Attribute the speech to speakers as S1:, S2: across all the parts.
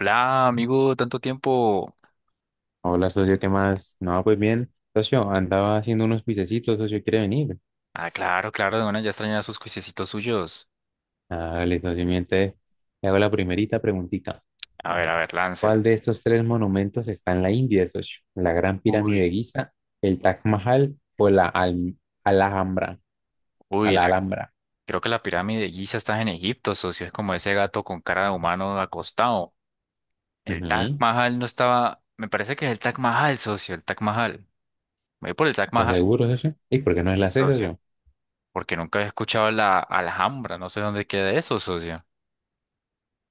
S1: Hola, amigo, tanto tiempo.
S2: Hola, socio, ¿qué más? No, pues bien, socio, andaba haciendo unos pisecitos, socio, ¿quiere venir?
S1: Ah, claro, claro, de una ya extrañaba sus juiciecitos suyos.
S2: Dale, socio, miente. Le hago la primerita preguntita.
S1: A ver,
S2: ¿Cuál
S1: láncela.
S2: de estos tres monumentos está en la India, socio? ¿La Gran Pirámide
S1: Uy,
S2: de Giza, el Taj Mahal o la Alhambra? A
S1: uy,
S2: la
S1: la-
S2: Alhambra.
S1: creo que la pirámide de Giza está en Egipto, socio. Es como ese gato con cara de humano acostado. El Taj
S2: Ujú.
S1: Mahal no estaba. Me parece que es el Taj Mahal, socio, el Taj Mahal. Voy por el Taj
S2: ¿Estás
S1: Mahal.
S2: seguro, socio? ¿Y por qué no es
S1: Sí,
S2: la C,
S1: socio.
S2: socio?
S1: Porque nunca había escuchado la Alhambra, no sé dónde queda eso, socio.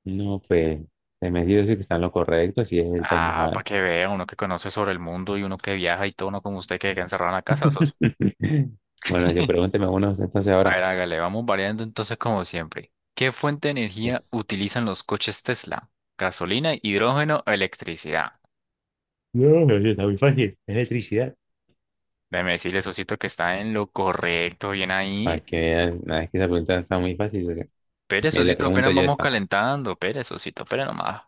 S2: No, pues, se me dice que están lo correcto, si es el Taj
S1: Ah, para
S2: Mahal.
S1: que vea, uno que conoce sobre el mundo y uno que viaja y todo, no como usted que queda encerrado en la casa, socio.
S2: Bueno, yo pregúnteme uno, entonces
S1: A
S2: ahora.
S1: ver, hágale, vamos variando entonces como siempre. ¿Qué fuente de energía
S2: Pues,
S1: utilizan los coches Tesla? ¿Gasolina, hidrógeno o electricidad?
S2: no, socio, está muy fácil. Es electricidad.
S1: Déjeme decirle, Sosito, que está en lo correcto, bien ahí.
S2: Para que veas, nada, que esa pregunta está muy fácil. O sea,
S1: Pere,
S2: mira, le
S1: Sosito,
S2: pregunto
S1: apenas
S2: ya
S1: vamos
S2: está.
S1: calentando. Pere, Sosito, pere nomás.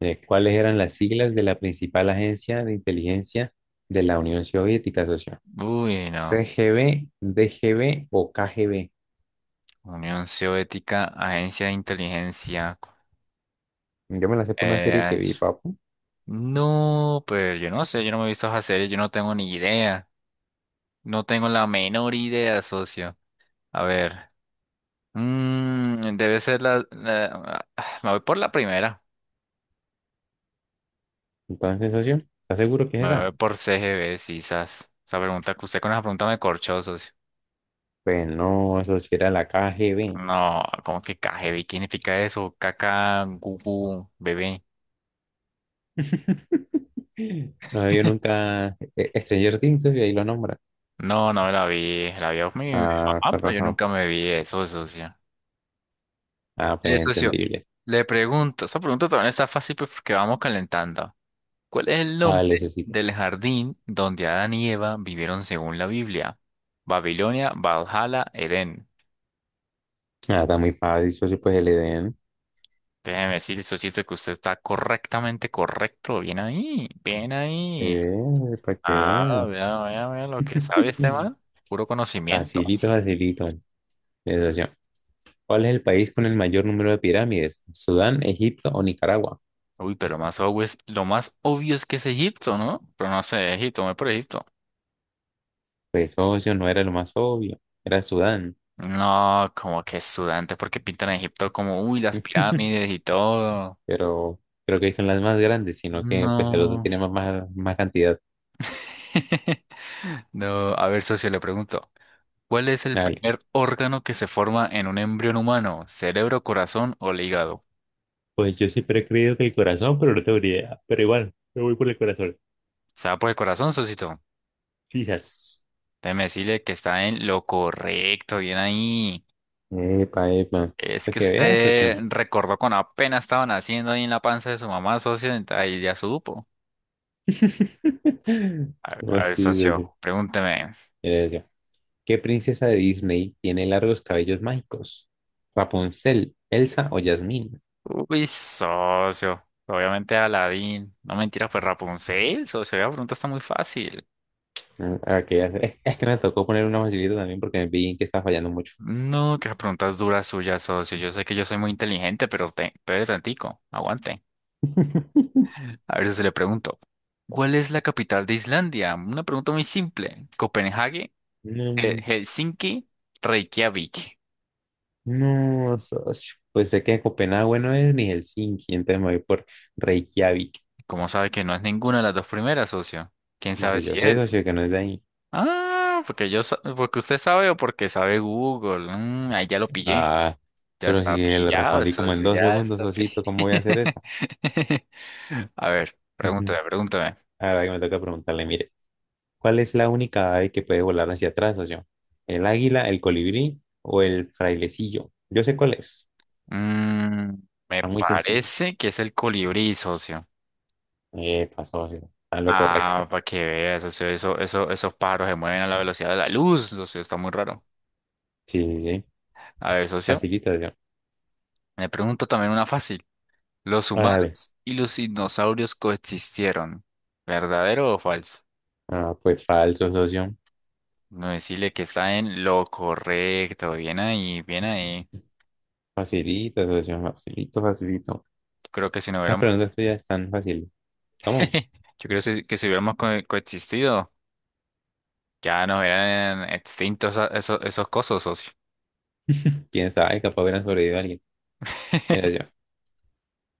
S2: ¿Cuáles eran las siglas de la principal agencia de inteligencia de la Unión Soviética, socio?
S1: Uy, no.
S2: ¿CGB, DGB o KGB?
S1: Unión Soviética, Agencia de Inteligencia.
S2: Yo me la sé por una serie que
S1: Eh,
S2: vi, papu.
S1: no, pues yo no sé, yo no me he visto esa serie, yo no tengo ni idea. No tengo la menor idea, socio. A ver. Debe ser me voy por la primera.
S2: Entonces, socio, ¿estás seguro que es
S1: Me
S2: esa?
S1: voy por CGB, quizás. Esa pregunta que usted con esa pregunta me corchó, socio.
S2: Pues no, eso sí era la KGB.
S1: No, ¿cómo que KGB? ¿Qué significa eso? Caca, gugu, bebé.
S2: No me vio nunca Stranger Things, socio, ahí lo nombra.
S1: No, no me la vi. La vi a mi
S2: Ah,
S1: mamá,
S2: con
S1: pero yo
S2: razón.
S1: nunca me vi eso, socio.
S2: Ah, pues
S1: Eh, socio,
S2: entendible.
S1: le pregunto. Esa pregunta también está fácil pues, porque vamos calentando. ¿Cuál es el
S2: Ah, le
S1: nombre
S2: necesito.
S1: del jardín donde Adán y Eva vivieron según la Biblia? Babilonia, Valhalla, Edén.
S2: Ah, está muy fácil, socio, pues el EDN.
S1: Déjeme decir, socito, que usted está correctamente correcto. Bien ahí, bien ahí.
S2: Para que
S1: Ah,
S2: vean.
S1: vea, vea, vea lo que sabe este man. Puro conocimiento.
S2: Facilito, facilito. Socio, ¿cuál es el país con el mayor número de pirámides? ¿Sudán, Egipto o Nicaragua?
S1: Uy, pero lo más obvio es que es Egipto, ¿no? Pero no sé, Egipto, me voy por Egipto.
S2: Pues, socio, no era lo más obvio. Era Sudán.
S1: No, como que es sudante, porque pintan a Egipto como, uy, las pirámides y todo.
S2: Pero creo que son las más grandes, sino que pues el otro
S1: No.
S2: tiene más, más cantidad.
S1: No, a ver, socio, le pregunto, ¿cuál es el
S2: Dale.
S1: primer órgano que se forma en un embrión humano? ¿Cerebro, corazón o el hígado?
S2: Pues yo siempre he creído que el corazón, pero no tengo ni idea. Pero igual, me voy por el corazón.
S1: ¿Está por el corazón, socito?
S2: Quizás.
S1: Déjeme decirle que está en lo correcto, bien ahí.
S2: Epa, epa.
S1: Es
S2: Para
S1: que
S2: que veas,
S1: usted
S2: socio.
S1: recordó cuando apenas estaba naciendo ahí en la panza de su mamá, socio, ahí ya supo. A
S2: Pues
S1: ver,
S2: sí,
S1: socio, pregúnteme.
S2: socio. ¿Qué princesa de Disney tiene largos cabellos mágicos? ¿Rapunzel, Elsa o Jasmine?
S1: Uy, socio, obviamente Aladín. No mentiras, pues Rapunzel, socio, la pregunta está muy fácil.
S2: Mm, ok, es, es que me tocó poner una facilita también porque vi que estaba fallando mucho.
S1: No, qué preguntas duras suyas, socio. Yo sé que yo soy muy inteligente, pero tantico, aguante. A ver si le pregunto. ¿Cuál es la capital de Islandia? Una pregunta muy simple. ¿Copenhague,
S2: No,
S1: Helsinki, Reykjavik?
S2: no, socio. Pues sé que Copenhague no es ni Helsinki, entonces me voy por Reykjavik.
S1: ¿Cómo sabe que no es ninguna de las dos primeras, socio? ¿Quién sabe
S2: Porque yo
S1: si
S2: sé,
S1: es?
S2: socio, que no es de ahí.
S1: Ah, porque porque usted sabe o porque sabe Google. Mm, ahí ya lo pillé.
S2: Ah,
S1: Ya
S2: pero si
S1: está
S2: le
S1: pillado,
S2: respondí como en
S1: socio,
S2: dos
S1: ya
S2: segundos,
S1: está pillado.
S2: socito, ¿cómo voy a hacer eso?
S1: A ver, pregúntame,
S2: Ujú.
S1: pregúntame.
S2: Ahora que me toca preguntarle, mire. ¿Cuál es la única ave que puede volar hacia atrás, socio? ¿El águila, el colibrí o el frailecillo? Yo sé cuál es.
S1: Mm, Me
S2: Está muy sencillo.
S1: parece que es el colibrí, socio.
S2: Pasó, socio. Está en lo correcto.
S1: Ah, para que veas, socio, eso, esos pájaros se mueven a la velocidad de la luz, socio, está muy raro.
S2: Sí, sí, sí.
S1: A ver, socio,
S2: Facilita, socio.
S1: me pregunto también una fácil. ¿Los
S2: Dale.
S1: humanos y los dinosaurios coexistieron? ¿Verdadero o falso?
S2: Ah, pues falso, socio.
S1: No decirle que está en lo correcto. Bien ahí, bien ahí.
S2: Facilito, socio. Facilito, facilito.
S1: Yo creo que si no
S2: Las
S1: hubiéramos,
S2: preguntas tuyas están fáciles. ¿Cómo?
S1: yo creo que que si coexistido, ya nos hubieran extintos esos, esos cosos, socio.
S2: ¿Quién sabe? Capaz hubieran sobrevivido a alguien. Mira yo.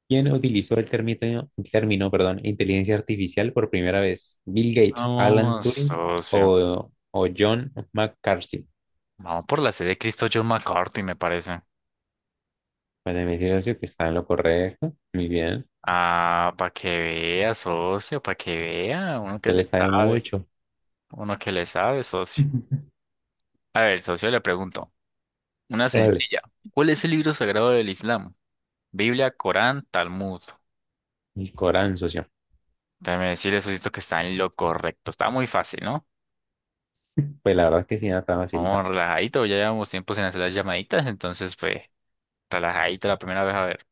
S2: ¿Quién utilizó el término, perdón, inteligencia artificial por primera vez? ¿Bill Gates, Alan
S1: No,
S2: Turing
S1: socio.
S2: o, John McCarthy?
S1: Vamos por la sede de Cristo John McCarthy, me parece.
S2: Bueno, me dice que está en lo correcto. Muy bien.
S1: Ah, para que vea, socio, para que vea. Uno que
S2: Usted
S1: le
S2: le sabe
S1: sabe.
S2: mucho.
S1: Uno que le sabe, socio. A ver, socio, le pregunto. Una
S2: Vale.
S1: sencilla. ¿Cuál es el libro sagrado del Islam? Biblia, Corán, Talmud.
S2: El Corán, socio.
S1: Déjeme decirle, socio, que está en lo correcto. Está muy fácil, ¿no?
S2: Pues la verdad es que sí, nada tan
S1: Vamos
S2: facilitado.
S1: relajadito. Ya llevamos tiempo sin hacer las llamaditas, entonces, pues, relajadito la primera vez. A ver.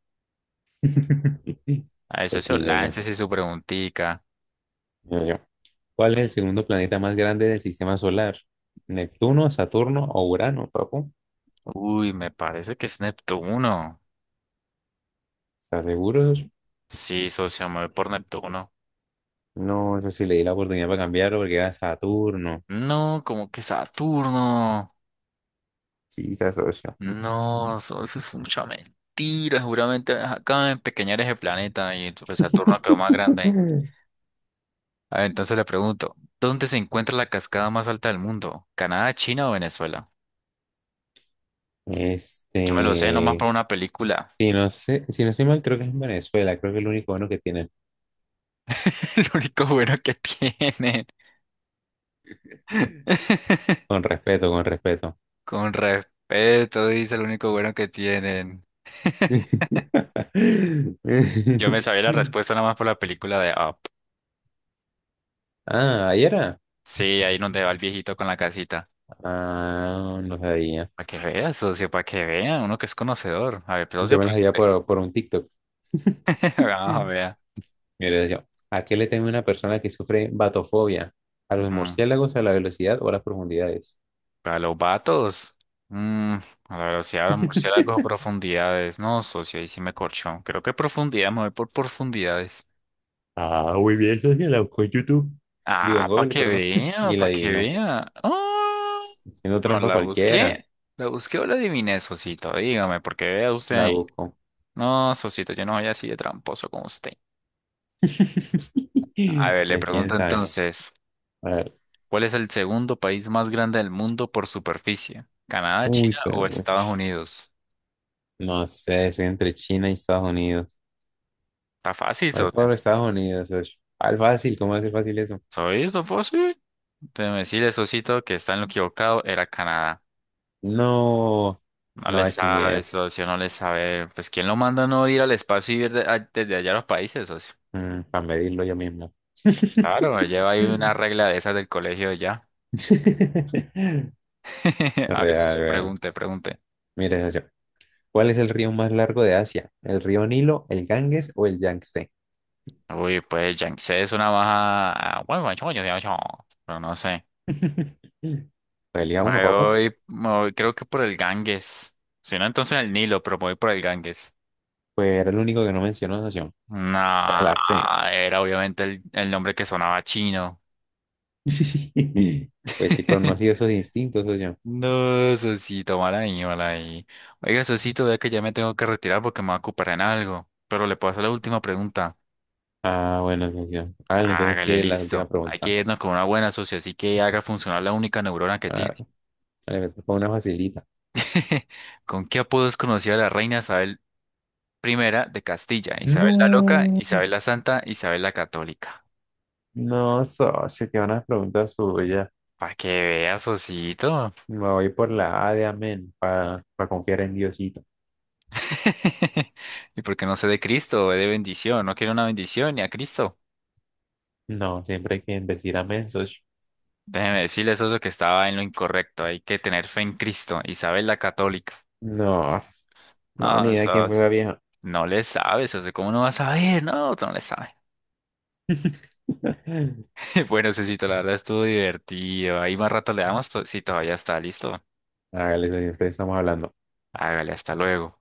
S1: A ver,
S2: Pues
S1: socio,
S2: sí, socio.
S1: láncese su preguntica.
S2: Yo, yo. ¿Cuál es el segundo planeta más grande del sistema solar? ¿Neptuno, Saturno o Urano, papu?
S1: Uy, me parece que es Neptuno.
S2: ¿Estás seguro, socio?
S1: Sí, socio, me voy por Neptuno.
S2: No, eso sí le di la oportunidad para cambiarlo porque era Saturno.
S1: No, como que Saturno.
S2: Sí, se asoció.
S1: No, socio, eso es mucha mentira. Seguramente acaban de empequeñar ese planeta y pues, Saturno quedó más grande. A ver, entonces le pregunto, ¿dónde se encuentra la cascada más alta del mundo? ¿Canadá, China o Venezuela? Yo me lo sé nomás
S2: Este,
S1: por una película.
S2: si no sé, si no estoy mal, creo que es en Venezuela, creo que es el único bueno que tienen.
S1: Lo único bueno que tienen.
S2: Con respeto, con respeto.
S1: Con respeto, dice lo único bueno que tienen. Yo me sabía la respuesta nada más por la película de Up.
S2: Ah, ahí era.
S1: Sí, ahí donde va el viejito con la casita.
S2: Ah, no sabía.
S1: Para que vea, socio, para que vea, uno que es conocedor. A ver, pero socio,
S2: Yo me las veía
S1: pregunte.
S2: por un TikTok.
S1: Vamos a ver.
S2: Mira, yo, ¿a qué le teme una persona que sufre batofobia? ¿A los
S1: Mm,
S2: murciélagos, a la velocidad o a las profundidades?
S1: Para los vatos. Mm, a la velocidad del murciélago a profundidades. No, socio, ahí sí me corchó. Creo que profundidad, me voy por profundidades.
S2: Ah, muy bien, eso sí, la buscó en YouTube. Digo, en
S1: Ah, para
S2: Google,
S1: que
S2: perdón.
S1: vea,
S2: Y la
S1: para que
S2: adivinó.
S1: vea. Ah,
S2: Haciendo
S1: pero
S2: trampa
S1: la
S2: cualquiera.
S1: busqué. La busqué o la adiviné, socito. Dígame, porque vea
S2: La
S1: usted.
S2: busco.
S1: No, Sosito, yo no soy así de tramposo como usted. A ver, le
S2: Pero quién
S1: pregunto
S2: sabe.
S1: entonces,
S2: A ver.
S1: ¿cuál es el segundo país más grande del mundo por superficie? ¿Canadá,
S2: Uy,
S1: China
S2: fue
S1: o Estados
S2: mucho.
S1: Unidos?
S2: No sé, soy entre China y Estados Unidos.
S1: Está fácil,
S2: Voy
S1: socio.
S2: por Estados Unidos. Ush. Al fácil, ¿cómo hace fácil eso?
S1: ¿Soy esto fácil? Déjeme decirle, Sosito, que está en lo equivocado, era Canadá.
S2: No,
S1: No
S2: no
S1: le
S2: es sin
S1: sabe,
S2: idea.
S1: socio, no le sabe. Pues, ¿quién lo manda a no ir al espacio y ir desde allá a los países, socio?
S2: Mm, para medirlo yo mismo.
S1: Claro, lleva ahí una regla de esas del colegio ya. A ver,
S2: Real,
S1: socio,
S2: real.
S1: pregunte, pregunte.
S2: Mira esa opción. ¿Cuál es el río más largo de Asia? ¿El río Nilo, el Ganges o el Yangtze?
S1: Uy, pues Yangtze es una baja. Bueno, bueno, pero no sé.
S2: Pues elija uno, papu.
S1: Creo que por el Ganges. Si no, entonces el Nilo, pero me voy por el Ganges.
S2: Pues era el único que no mencionó, socio. Era
S1: No,
S2: la C.
S1: era obviamente el nombre que sonaba chino.
S2: Pues sí, pero no pronunció esos instintos, socio.
S1: No, Sosito, mal ahí, mal ahí. Oiga, Sosito, vea que ya me tengo que retirar porque me voy a ocupar en algo. Pero le puedo hacer la última pregunta.
S2: Ah, bueno, socio. Vale, entonces
S1: Hágale,
S2: tiene la última
S1: listo. Hay que
S2: pregunta.
S1: irnos con una buena socia, así que haga funcionar la única neurona que tiene.
S2: Ah, vale, fue una facilita.
S1: ¿Con qué apodos conocía a la reina Isabel primera de Castilla? Isabel la Loca,
S2: No,
S1: Isabel la Santa, Isabel la Católica.
S2: no, socio, que una pregunta suya.
S1: Para que veas, osito.
S2: Me voy por la A de amén para confiar en Diosito.
S1: Y porque no sé de Cristo, de bendición. No quiero una bendición ni a Cristo.
S2: No, siempre hay que decir amén, socio.
S1: Déjeme decirle, socio, que estaba en lo incorrecto. Hay que tener fe en Cristo. Isabel la Católica.
S2: No, no, ni
S1: No,
S2: idea quién fue
S1: socio,
S2: la vieja.
S1: no le sabes, socio. ¿Cómo no vas a saber? No, tú no le sabes. Bueno, socito, la verdad estuvo divertido. Ahí más rato le damos si todavía está listo.
S2: Hágale, socio, ustedes estamos hablando.
S1: Hágale, hasta luego.